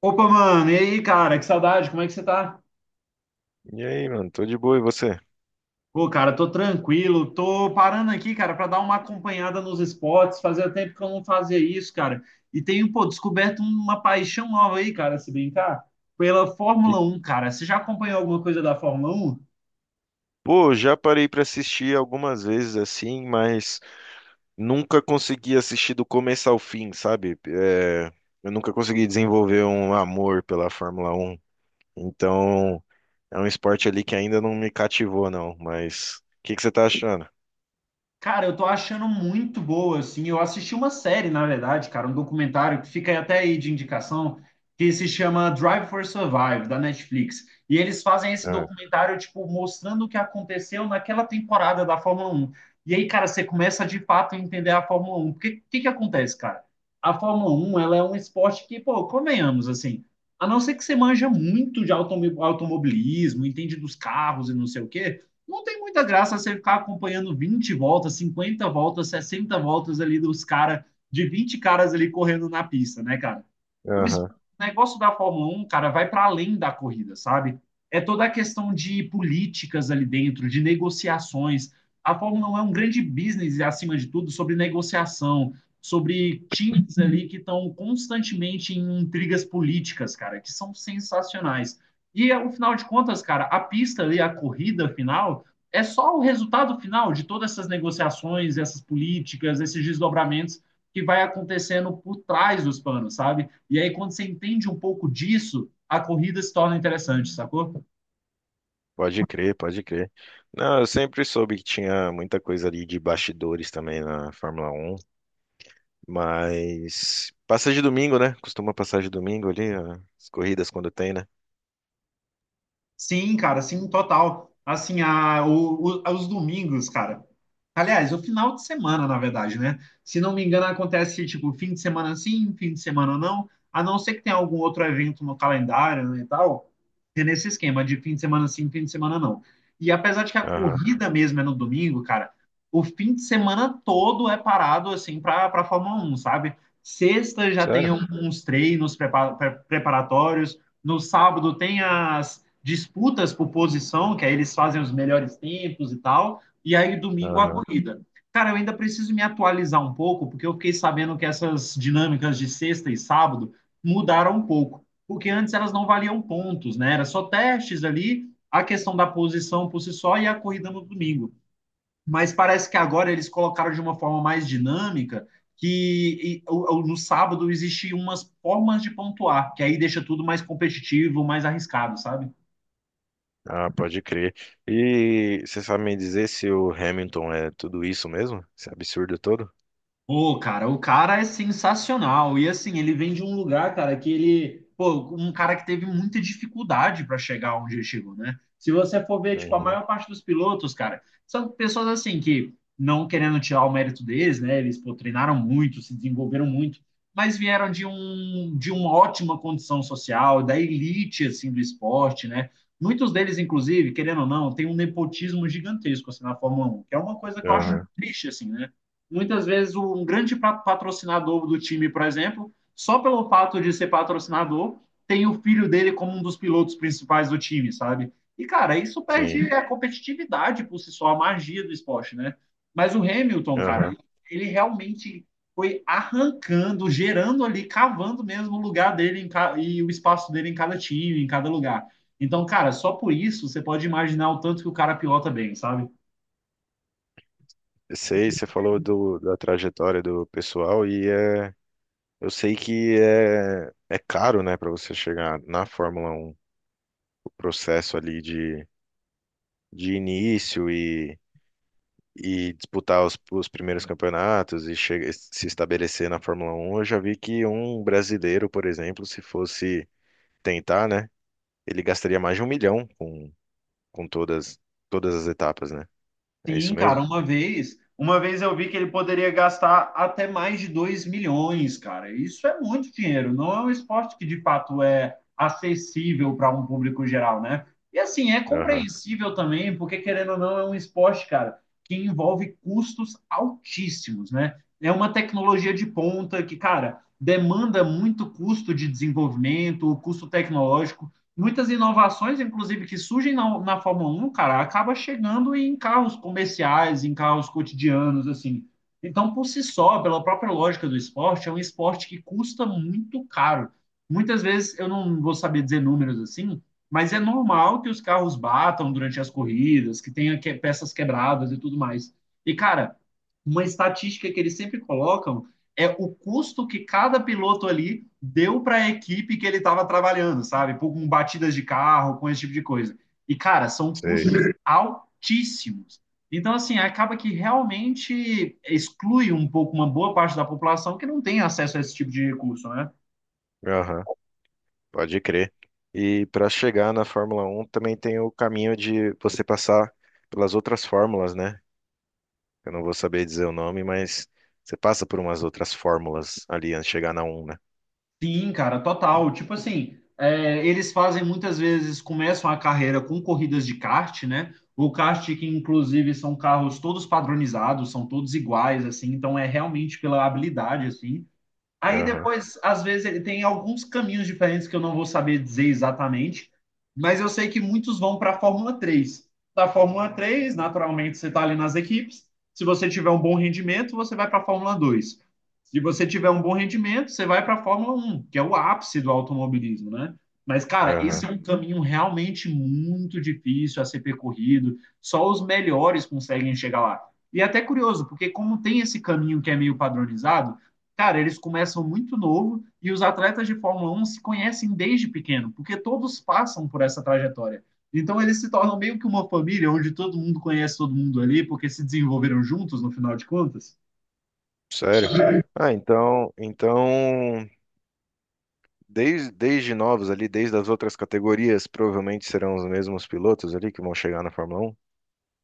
Opa, mano, e aí, cara? Que saudade, como é que você tá? E aí, mano, tô de boa, e você? Pô, cara, tô tranquilo, tô parando aqui, cara, pra dar uma acompanhada nos esportes. Fazia tempo que eu não fazia isso, cara. E tenho, pô, descoberto uma paixão nova aí, cara, se brincar, pela E, Fórmula 1, cara. Você já acompanhou alguma coisa da Fórmula 1? pô, já parei pra assistir algumas vezes assim, mas nunca consegui assistir do começo ao fim, sabe? É, eu nunca consegui desenvolver um amor pela Fórmula Um. Então, é um esporte ali que ainda não me cativou, não. Mas o que que você tá achando? Cara, eu tô achando muito boa, assim. Eu assisti uma série, na verdade, cara, um documentário que fica aí até aí de indicação, que se chama Drive for Survive, da Netflix. E eles fazem esse Ah. documentário, tipo, mostrando o que aconteceu naquela temporada da Fórmula 1. E aí, cara, você começa de fato a entender a Fórmula 1, porque o que que acontece, cara? A Fórmula 1, ela é um esporte que, pô, convenhamos, assim, a não ser que você manja muito de automobilismo, entende dos carros e não sei o quê, não tem muita graça você ficar acompanhando 20 voltas, 50 voltas, 60 voltas ali dos caras, de 20 caras ali correndo na pista, né, cara? O Aham. negócio da Fórmula 1, cara, vai para além da corrida, sabe? É toda a questão de políticas ali dentro, de negociações. A Fórmula 1 é um grande business, acima de tudo, sobre negociação, sobre times ali que estão constantemente em intrigas políticas, cara, que são sensacionais. E, ao final de contas, cara, a pista ali, a corrida final, é só o resultado final de todas essas negociações, essas políticas, esses desdobramentos que vai acontecendo por trás dos panos, sabe? E aí, quando você entende um pouco disso, a corrida se torna interessante, sacou? Pode crer, pode crer. Não, eu sempre soube que tinha muita coisa ali de bastidores também na Fórmula 1. Mas passa de domingo, né? Costuma passar de domingo ali, ó, as corridas quando tem, né? Sim, cara, sim, total. Assim, os domingos, cara. Aliás, o final de semana, na verdade, né? Se não me engano, acontece tipo fim de semana sim, fim de semana não, a não ser que tenha algum outro evento no calendário, né, e tal. É nesse esquema de fim de semana sim, fim de semana não. E apesar de que a Aham. corrida mesmo é no domingo, cara, o fim de semana todo é parado assim para Fórmula 1, sabe? Sexta já tem Sério? uns treinos preparatórios. No sábado tem as disputas por posição, que aí eles fazem os melhores tempos e tal, e aí domingo a Aham. corrida. Cara, eu ainda preciso me atualizar um pouco, porque eu fiquei sabendo que essas dinâmicas de sexta e sábado mudaram um pouco, porque antes elas não valiam pontos, né? Era só testes ali, a questão da posição por si só e a corrida no domingo. Mas parece que agora eles colocaram de uma forma mais dinâmica que no sábado existiam umas formas de pontuar, que aí deixa tudo mais competitivo, mais arriscado, sabe? Ah, pode crer. E você sabe me dizer se o Hamilton é tudo isso mesmo? Esse absurdo todo? Pô, cara, o cara é sensacional. E assim, ele vem de um lugar, cara, que ele, pô, um cara que teve muita dificuldade para chegar onde ele chegou, né? Se você for ver, tipo, a Uhum. maior parte dos pilotos, cara, são pessoas assim que, não querendo tirar o mérito deles, né, eles, pô, treinaram muito, se desenvolveram muito, mas vieram de uma ótima condição social, da elite assim do esporte, né? Muitos deles, inclusive, querendo ou não, tem um nepotismo gigantesco assim na Fórmula 1, que é uma coisa que eu acho Aham. triste assim, né? Muitas vezes um grande patrocinador do time, por exemplo, só pelo fato de ser patrocinador, tem o filho dele como um dos pilotos principais do time, sabe? E, cara, isso Sim. perde a competitividade por si só, a magia do esporte, né? Mas o Hamilton, cara, Aham. ele realmente foi arrancando, gerando ali, cavando mesmo o lugar dele e o espaço dele em cada time, em cada lugar. Então, cara, só por isso você pode imaginar o tanto que o cara pilota bem, sabe? Eu sei, você falou da trajetória do pessoal e, é, eu sei que é caro, né, para você chegar na Fórmula Um, o processo ali de início e disputar os primeiros campeonatos e se estabelecer na Fórmula Um. Eu já vi que um brasileiro, por exemplo, se fosse tentar, né, ele gastaria mais de um milhão com todas as etapas, né? É Sim, isso cara, mesmo? uma vez eu vi que ele poderia gastar até mais de 2 milhões, cara. Isso é muito dinheiro, não é um esporte que de fato é acessível para um público geral, né? E assim, é Aham, compreensível também, porque querendo ou não, é um esporte, cara, que envolve custos altíssimos, né? É uma tecnologia de ponta que, cara, demanda muito custo de desenvolvimento, custo tecnológico, muitas inovações, inclusive, que surgem na Fórmula 1, cara, acaba chegando em carros comerciais, em carros cotidianos, assim. Então, por si só, pela própria lógica do esporte, é um esporte que custa muito caro. Muitas vezes, eu não vou saber dizer números assim, mas é normal que os carros batam durante as corridas, peças quebradas e tudo mais. E, cara, uma estatística que eles sempre colocam é o custo que cada piloto ali deu para a equipe que ele estava trabalhando, sabe? Com batidas de carro, com esse tipo de coisa. E, cara, são custos sei. altíssimos. Então, assim, acaba que realmente exclui um pouco uma boa parte da população que não tem acesso a esse tipo de recurso, né? Aham, pode crer. E para chegar na Fórmula Um também tem o caminho de você passar pelas outras fórmulas, né? Eu não vou saber dizer o nome, mas você passa por umas outras fórmulas ali antes de chegar na um, né? Sim, cara, total. Tipo assim, é, eles fazem muitas vezes, começam a carreira com corridas de kart, né? O kart que inclusive são carros todos padronizados, são todos iguais, assim, então é realmente pela habilidade, assim. Aí Aham, depois, às vezes, ele tem alguns caminhos diferentes que eu não vou saber dizer exatamente, mas eu sei que muitos vão para a Fórmula 3. Da Fórmula 3, naturalmente, você está ali nas equipes. Se você tiver um bom rendimento, você vai para a Fórmula 2. Se você tiver um bom rendimento, você vai para a Fórmula 1, que é o ápice do automobilismo, né? Mas, cara, esse aham. é um caminho realmente muito difícil a ser percorrido. Só os melhores conseguem chegar lá. E é até curioso, porque como tem esse caminho que é meio padronizado, cara, eles começam muito novo e os atletas de Fórmula 1 se conhecem desde pequeno, porque todos passam por essa trajetória. Então eles se tornam meio que uma família onde todo mundo conhece todo mundo ali, porque se desenvolveram juntos no final de contas. Sério? Ah, então desde novos ali, desde as outras categorias, provavelmente serão os mesmos pilotos ali que vão chegar na Fórmula Um.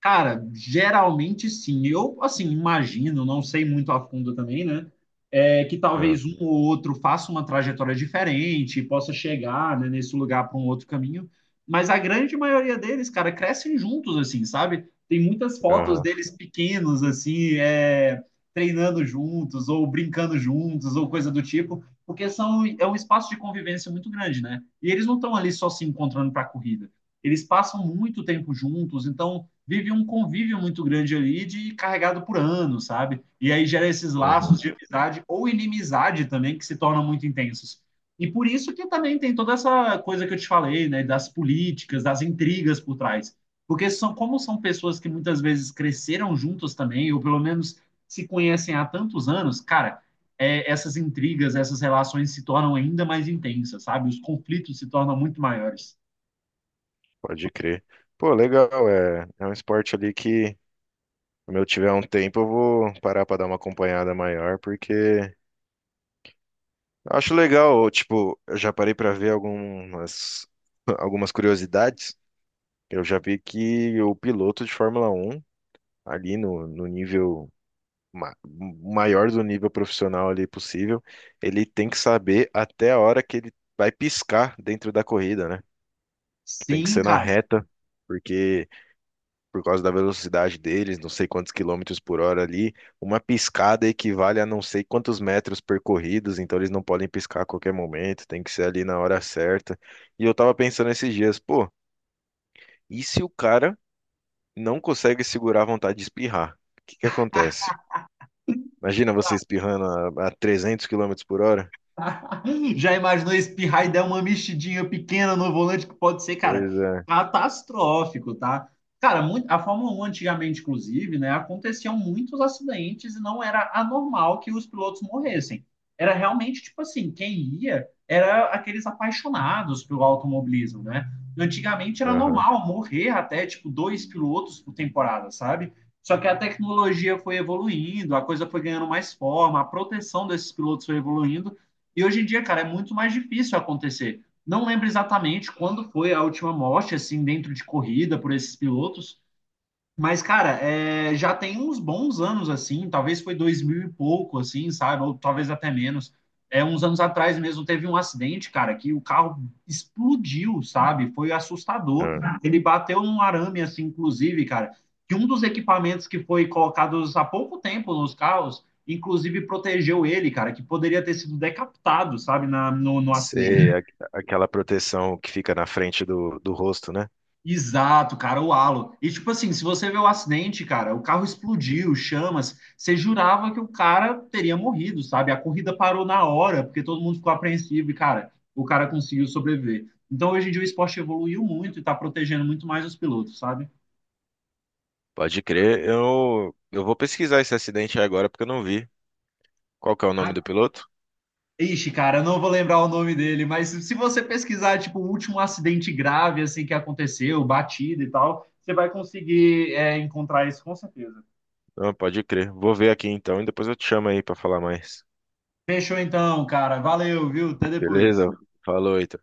Cara, geralmente sim. Eu, assim, imagino, não sei muito a fundo também, né? É, que Ah. talvez um ou outro faça uma trajetória diferente, possa chegar, né, nesse lugar para um outro caminho. Mas a grande maioria deles, cara, crescem juntos, assim, sabe? Tem muitas fotos Aham, deles pequenos, assim, é, treinando juntos, ou brincando juntos, ou coisa do tipo, porque são, é um espaço de convivência muito grande, né? E eles não estão ali só se encontrando para a corrida. Eles passam muito tempo juntos, então vive um convívio muito grande ali de carregado por anos, sabe? E aí gera esses uhum, laços de amizade ou inimizade também que se tornam muito intensos. E por isso que também tem toda essa coisa que eu te falei, né, das políticas, das intrigas por trás. Porque são, como são pessoas que muitas vezes cresceram juntas também, ou pelo menos se conhecem há tantos anos, cara, é, essas intrigas, essas relações se tornam ainda mais intensas, sabe? Os conflitos se tornam muito maiores. pode crer. Pô, legal, é, é um esporte ali que, quando eu tiver um tempo, eu vou parar para dar uma acompanhada maior, porque acho legal, tipo, eu já parei para ver algumas, algumas curiosidades. Eu já vi que o piloto de Fórmula Um ali no nível, ma- maior do nível profissional ali possível, ele tem que saber até a hora que ele vai piscar dentro da corrida, né? Que tem que Sim, ser na cara. reta, porque por causa da velocidade deles, não sei quantos quilômetros por hora ali, uma piscada equivale a não sei quantos metros percorridos, então eles não podem piscar a qualquer momento, tem que ser ali na hora certa. E eu tava pensando esses dias, pô, e se o cara não consegue segurar a vontade de espirrar? O que que acontece? Imagina você espirrando a 300 quilômetros por hora. Já imaginou espirrar e dar uma mexidinha pequena no volante? Que pode ser, cara, Coisa. catastrófico, tá? Cara, muito, a Fórmula 1 antigamente, inclusive, né, aconteciam muitos acidentes e não era anormal que os pilotos morressem. Era realmente tipo assim, quem ia era aqueles apaixonados pelo automobilismo, né? Antigamente era Aham. normal morrer até tipo dois pilotos por temporada, sabe? Só que a tecnologia foi evoluindo, a coisa foi ganhando mais forma, a proteção desses pilotos foi evoluindo e hoje em dia, cara, é muito mais difícil acontecer. Não lembro exatamente quando foi a última morte, assim, dentro de corrida por esses pilotos, mas, cara, é, já tem uns bons anos, assim, talvez foi 2000 e pouco, assim, sabe? Ou talvez até menos. É, uns anos atrás mesmo teve um acidente, cara, que o carro explodiu, sabe? Foi assustador. Aham. Ele bateu num arame, assim, inclusive, cara, que um dos equipamentos que foi colocados há pouco tempo nos carros, inclusive protegeu ele, cara, que poderia ter sido decapitado, sabe, na, no, no Sei, acidente. Aquela proteção que fica na frente do rosto, né? Exato, cara, o halo. E tipo assim, se você vê o acidente, cara, o carro explodiu, chamas, você jurava que o cara teria morrido, sabe? A corrida parou na hora, porque todo mundo ficou apreensivo e, cara, o cara conseguiu sobreviver. Então, hoje em dia, o esporte evoluiu muito e tá protegendo muito mais os pilotos, sabe? Pode crer. Eu vou pesquisar esse acidente aí agora porque eu não vi. Qual que é o nome Ah, do piloto? ixi, cara, eu não vou lembrar o nome dele, mas se você pesquisar, tipo, o último acidente grave, assim, que aconteceu, batida e tal, você vai conseguir, é, encontrar isso com certeza. Ah, pode crer. Vou ver aqui então e depois eu te chamo aí pra falar mais. Fechou então, cara. Valeu, viu? Até depois. Beleza? Falou, então.